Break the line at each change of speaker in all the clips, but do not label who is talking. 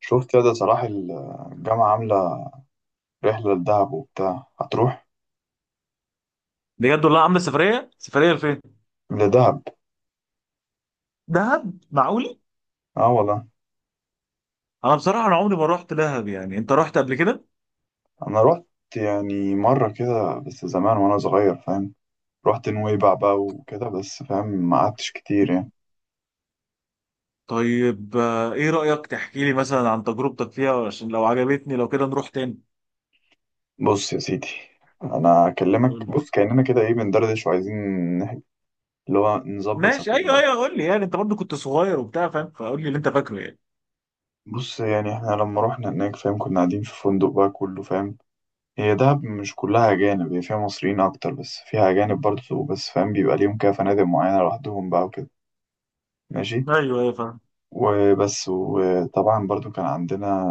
شفت يا ده صلاح الجامعة عاملة رحلة لدهب وبتاع، هتروح
بجد والله، عامله سفريه سفريه لفين؟
لدهب؟
دهب؟ معقول؟
اه والله.
انا بصراحه، انا عمري ما رحت دهب. يعني انت رحت قبل كده؟
أنا رحت، يعني مرة كده بس زمان وأنا صغير، فاهم. رحت نويبع بقى وكده، بس فاهم ما قعدتش كتير يعني.
طيب، ايه رايك تحكي لي مثلا عن تجربتك فيها عشان لو عجبتني لو كده نروح تاني.
بص يا سيدي، أنا أكلمك
قول.
بص كأننا كده إيه بندردش وعايزين نح- اللي هو نظبط
ماشي، ايوه
سفرية.
ايوه، قول لي. يعني انت برضو كنت صغير وبتاع، فاهم، فقول لي اللي انت فاكره يعني.
بص يعني إحنا لما رحنا هناك فاهم، كنا قاعدين في فندق بقى كله فاهم. هي دهب مش كلها أجانب، هي فيها مصريين أكتر بس فيها أجانب برضه، بس فاهم بيبقى ليهم كده فنادق معينة لوحدهم بقى وكده. ماشي.
ايوه ايوه فاهم.
وبس، وطبعا برضو كان عندنا،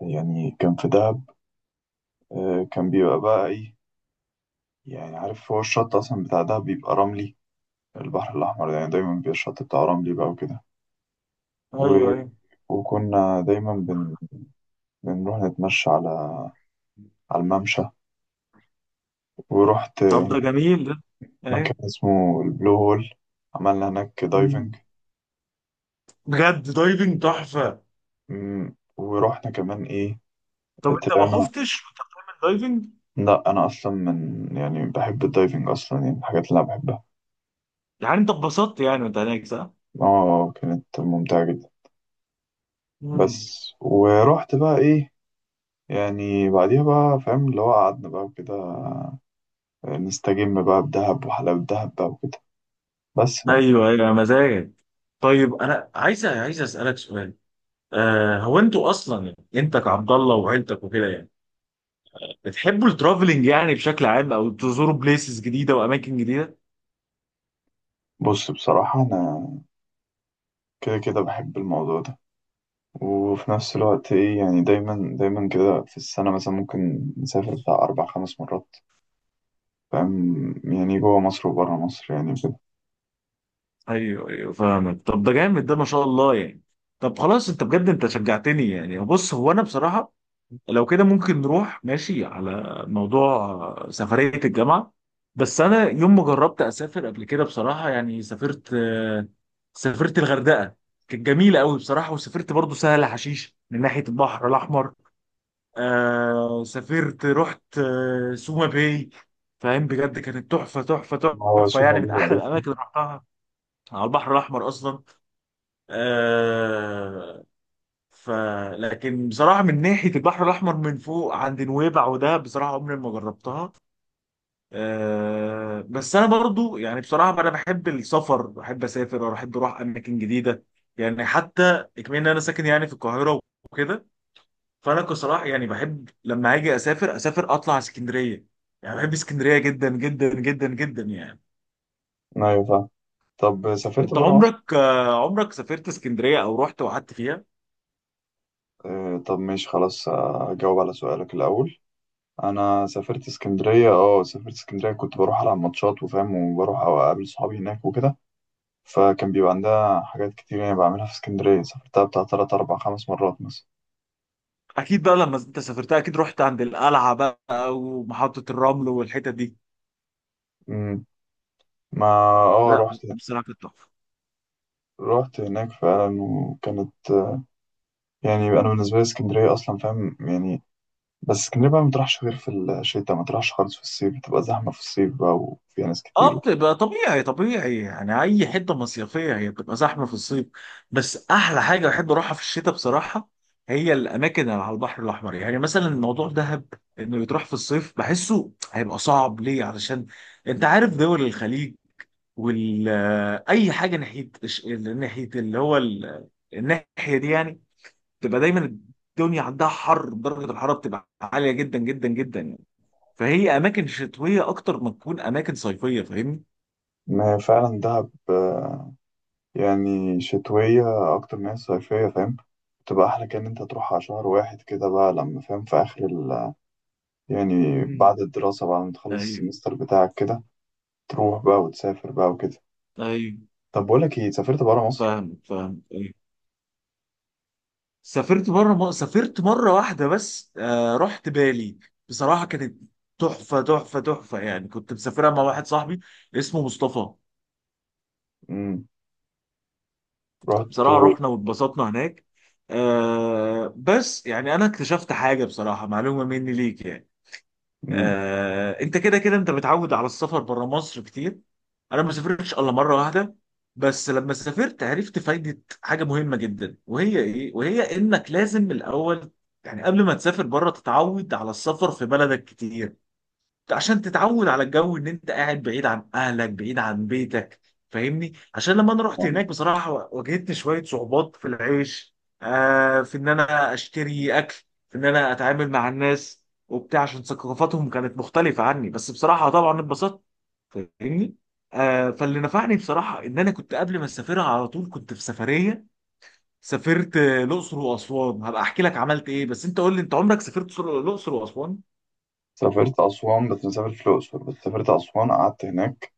يعني كان في دهب، كان بيبقى بقى إيه، يعني عارف هو الشط أصلا بتاع دهب بيبقى رملي. البحر الأحمر يعني دايما بيبقى الشط بتاعه رملي بقى وكده. و...
ايوه ايوه،
وكنا دايما بنروح نتمشى على الممشى. ورحت
طب ده جميل ده.
مكان
ايوه.
اسمه البلو هول، عملنا هناك دايفنج.
أمم. بجد، دايفنج تحفه.
مم. ورحنا كمان ايه،
طب انت ما
طلعنا.
خفتش في الدايفنج؟
لا انا اصلا من يعني بحب الدايفنج اصلا، يعني من الحاجات اللي انا بحبها.
يعني انت اتبسطت يعني وانت هناك صح؟
اه كانت ممتعة جدا.
أمم.
بس ورحت بقى ايه، يعني بعديها بقى فاهم اللي هو قعدنا بقى وكده نستجم بقى بدهب وحلاوة دهب بقى وكده، بس بقى.
ايوه ايوه، مزاجك. طيب انا عايز عايز اسالك سؤال. هو انتوا اصلا، يعني انت كعبد الله وعيلتك وكده، يعني بتحبوا الترافلينج يعني بشكل عام او تزوروا بليسز جديده واماكن جديده؟
بص بصراحة أنا كده كده بحب الموضوع ده، وفي نفس الوقت إيه يعني دايما دايما كده في السنة مثلا ممكن نسافر بتاع أربع خمس مرات، فاهم، يعني جوه مصر وبره مصر يعني وكده.
ايوه ايوه فاهمك، طب ده جامد ده، ما شاء الله يعني. طب خلاص، انت بجد انت شجعتني يعني. بص، هو انا بصراحه لو كده ممكن نروح، ماشي، على موضوع سفرية الجامعة. بس أنا يوم ما جربت أسافر قبل كده بصراحة، يعني سافرت الغردقة. كانت جميلة قوي بصراحة. وسافرت برضو سهل حشيش من ناحية البحر الأحمر. آه سافرت رحت آه سوما باي. فاهم، بجد كانت تحفة تحفة
ما هو
تحفة،
سوق
يعني من
موجود،
أحلى
عارف.
الأماكن اللي رحتها على البحر الأحمر أصلا. آه ف لكن بصراحه من ناحيه البحر الاحمر من فوق عند نويبع، وده بصراحه عمري ما جربتها. بس انا برضو، يعني بصراحه انا بحب السفر، بحب اسافر وبحب اروح اماكن جديده. يعني حتى كمان إن انا ساكن يعني في القاهره وكده. فانا بصراحه يعني بحب لما اجي اسافر، اسافر اطلع على اسكندريه. يعني بحب اسكندريه جدا جدا جدا جدا يعني.
ايوه فاهم. طب سافرت
انت
بره مصر؟
عمرك عمرك سافرت اسكندريه او رحت وقعدت فيها؟
آه، طب ماشي خلاص، اجاوب على سؤالك الاول. انا سافرت اسكندريه، اه سافرت اسكندريه، كنت بروح العب ماتشات وفاهم وبروح أو اقابل صحابي هناك وكده. فكان بيبقى عندها حاجات كتير يعني بعملها في اسكندريه، سافرتها بتاع تلات اربع خمس مرات مثلا.
اكيد بقى لما انت سافرتها اكيد رحت عند القلعه بقى ومحطه الرمل والحتت دي.
امم ما اه
لا،
رحت
بصراحه كانت تحفه.
رحت هناك فعلا وكانت، يعني انا بالنسبه لي اسكندريه اصلا فاهم يعني. بس اسكندرية بقى ما تروحش غير في الشتاء، ما تروحش خالص في الصيف، بتبقى زحمة في الصيف بقى وفيها ناس
اه
كتير.
بتبقى طبيعي طبيعي، يعني اي حته مصيفيه هي بتبقى زحمه في الصيف. بس احلى حاجه بحب اروحها في الشتاء بصراحه. هي الاماكن اللي على البحر الاحمر، يعني مثلا الموضوع دهب، انه يتروح في الصيف بحسه هيبقى صعب ليه، علشان انت عارف دول الخليج وال آه، اي حاجه ناحيه ناحيه اللي هو الناحيه دي، يعني تبقى دايما الدنيا عندها حر، درجه الحراره بتبقى عاليه جدا جدا جدا يعني. فهي اماكن شتويه اكتر ما تكون اماكن صيفيه، فاهمني؟
ما فعلا دهب، يعني شتوية أكتر من هي صيفية، فاهم. بتبقى أحلى كأن أنت تروحها شهر واحد كده بقى، لما فاهم في آخر ال، يعني
مم.
بعد الدراسة بعد ما تخلص
ايوه
السمستر بتاعك كده، تروح بقى وتسافر بقى وكده.
ايوه،
طب بقولك إيه، سافرت برا مصر؟
فاهم فاهم، ايوه. سافرت مره واحده بس، رحت بالي. بصراحه كانت تحفه تحفه تحفه، يعني كنت مسافرها مع واحد صاحبي اسمه مصطفى.
امم رحت.
بصراحه رحنا واتبسطنا هناك. بس يعني انا اكتشفت حاجه بصراحه، معلومه مني ليك يعني.
امم
انت كده كده انت متعود على السفر بره مصر كتير. انا ما سافرتش الا مره واحده. بس لما سافرت عرفت فايده حاجه مهمه جدا، وهي ايه؟ وهي انك لازم الاول، يعني قبل ما تسافر بره، تتعود على السفر في بلدك كتير، عشان تتعود على الجو ان انت قاعد بعيد عن اهلك بعيد عن بيتك، فاهمني؟ عشان لما انا رحت هناك بصراحة واجهت شوية صعوبات في العيش. في ان انا اشتري اكل، في ان انا اتعامل مع الناس وبتاع، عشان ثقافتهم كانت مختلفة عني. بس بصراحة طبعا اتبسطت، فاهمني. فاللي نفعني بصراحة ان انا كنت قبل ما اسافرها على طول كنت في سفرية. سافرت الاقصر واسوان. هبقى احكي لك عملت ايه، بس انت قول لي انت عمرك سافرت الاقصر واسوان؟
سافرت أسوان بس مسافر في الأقصر، بس سافرت أسوان قعدت هناك،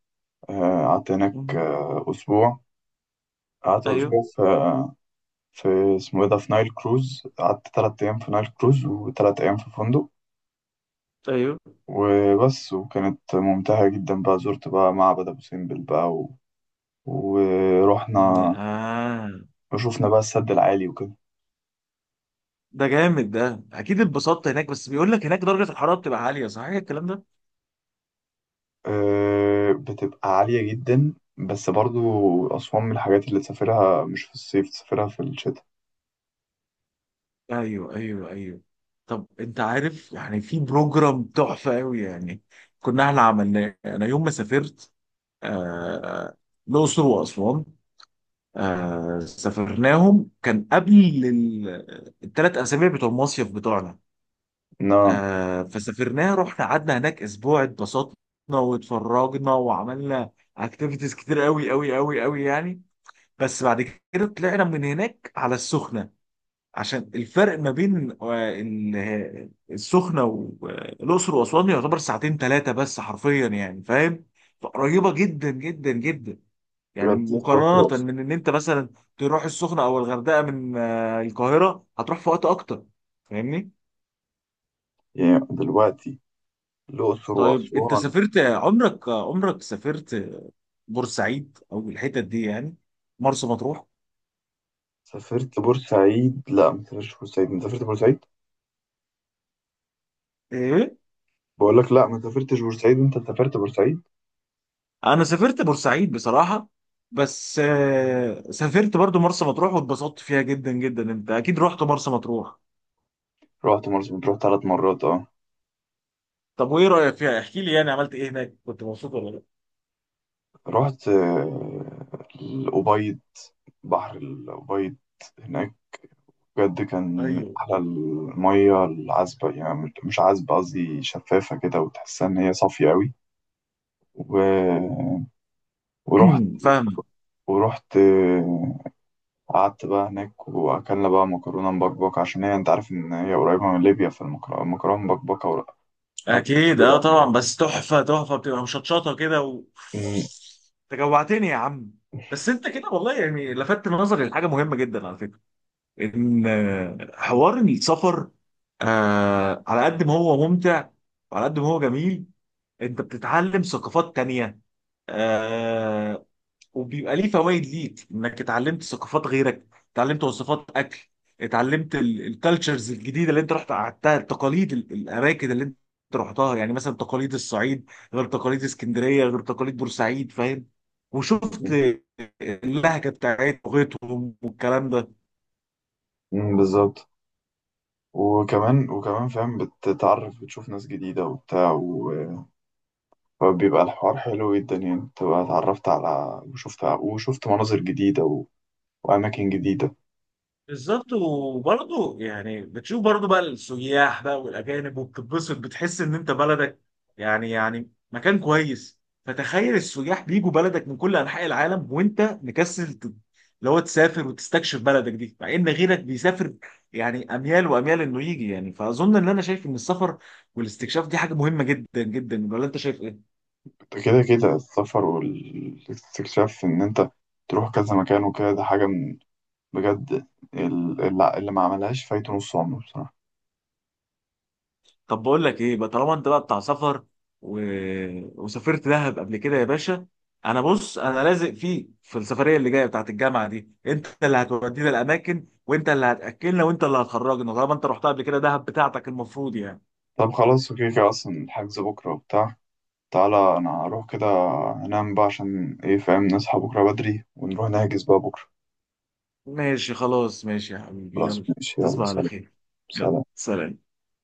قعدت هناك
مهم.
أسبوع. قعدت
ايوه
أسبوع في اسمه إيه ده في نايل كروز، قعدت تلات أيام في نايل كروز وتلات أيام في فندق،
ايوه،
وبس. وكانت ممتعة جدا بقى، زرت بقى معبد أبو سمبل بقى، ورحنا
آه
وشوفنا بقى السد العالي وكده.
ده جامد ده، أكيد اتبسطت هناك. بس بيقول لك هناك درجة الحرارة بتبقى عالية، صحيح الكلام ده؟
أه بتبقى عالية جدا، بس برضو أسوان من الحاجات اللي تسافرها مش في الصيف، تسافرها في الشتاء.
أيوه أيوه أيوه. طب أنت عارف يعني في بروجرام تحفة أوي يعني، كنا إحنا عملناه أنا يوم ما سافرت آه الأقصر وأسوان. سافرناهم كان قبل ال 3 أسابيع بتوع المصيف بتوعنا.
لا
فسافرناها، رحنا قعدنا هناك أسبوع، اتبسطنا واتفرجنا وعملنا اكتيفيتيز كتير قوي قوي قوي قوي يعني. بس بعد كده طلعنا من هناك على السخنة، عشان الفرق ما بين السخنة والأقصر وأسوان يعتبر ساعتين ثلاثة بس حرفيا، يعني فاهم؟ فقريبة جدا جدا جدا، يعني
بجد الأقصر
مقارنة
وأسوان،
من إن أنت مثلا تروح السخنة أو الغردقة من القاهرة هتروح في وقت أكتر، فاهمني؟
يعني دلوقتي الأقصر
طيب أنت
وأسوان.
سافرت عمرك عمرك سافرت بورسعيد أو الحتت دي، يعني مرسى مطروح؟
سافرت بورسعيد، لا ما سافرتش بورسعيد، أنت سافرت بورسعيد؟
إيه؟
بقول لك لا ما سافرتش بورسعيد، انت سافرت بورسعيد.
انا سافرت بورسعيد بصراحه. بس سافرت برضو مرسى مطروح واتبسطت فيها جدا جدا. انت اكيد رحت مرسى مطروح.
رحت مرسى مطروح ثلاث مرات اه.
طب وايه رايك فيها؟ احكي لي يعني عملت ايه هناك، كنت مبسوط ولا لا؟
رحت الأبيض، بحر الأبيض هناك، بجد كان من
ايوه.
أحلى المية العذبة، يعني مش عذبة قصدي شفافة كده وتحسها إن هي صافية أوي. و... ورحت
فاهمه.
ورحت قعدت بقى هناك وأكلنا بقى مكرونة مبكبكة، عشان هي أنت عارف إن هي قريبة من ليبيا فالمكرونة مبكبكة هناك
اكيد
مشهورة أوي.
طبعا، بس تحفه تحفه، بتبقى مشطشطه كده. و
مم،
انت جوعتني يا عم. بس انت كده والله يعني لفتت نظري لحاجه مهمه جدا على فكره، ان حوار السفر على قد ما هو ممتع وعلى قد ما هو جميل، انت بتتعلم ثقافات تانية. آه وبيبقى ليه فوائد ليك، انك اتعلمت ثقافات غيرك، اتعلمت وصفات اكل، اتعلمت الكالتشرز الجديده اللي انت رحت قعدتها، التقاليد، الاماكن اللي انت رحتها. يعني مثلا تقاليد الصعيد غير تقاليد اسكندريه غير تقاليد بورسعيد، فاهم؟ وشفت اللهجه بتاعتهم لغتهم والكلام ده.
مم، بالظبط. وكمان فاهم بتتعرف بتشوف ناس جديدة وبتاع فبيبقى الحوار حلو جدا، يعني بتبقى اتعرفت على وشفت مناظر جديدة وأماكن جديدة.
بالظبط. وبرضه يعني بتشوف برضه بقى السياح بقى والاجانب، وبتتبسط، بتحس ان انت بلدك، يعني مكان كويس. فتخيل السياح بيجوا بلدك من كل انحاء العالم، وانت مكسل، اللي هو تسافر وتستكشف بلدك دي، مع ان غيرك بيسافر يعني اميال واميال انه يجي يعني. فاظن ان انا شايف ان السفر والاستكشاف دي حاجه مهمه جدا جدا، ولا انت شايف ايه؟
كده كده السفر والاستكشاف إن أنت تروح كذا مكان وكده، ده حاجة من بجد اللي ما عملهاش فايته نص عمره بصراحة.
طب بقول لك ايه بقى، طالما انت بقى بتاع سفر و... وسافرت دهب قبل كده يا باشا، انا بص انا لازق فيك في السفريه اللي جايه بتاعت الجامعه دي. انت اللي هتودينا الاماكن، وانت اللي هتاكلنا، وانت اللي هتخرجنا، طالما انت رحتها قبل كده، دهب بتاعتك المفروض يعني.
طب خلاص اوكي كده، أصلا الحجز بكرة وبتاع، تعالى أنا هروح كده أنام بقى عشان إيه فاهم نصحى بكرة بدري ونروح نحجز بقى بكرة.
ماشي خلاص، ماشي يا حبيبي،
خلاص
يلا.
ماشي يلا
تصبح على
سلام.
خير. يلا
سلام.
سلام.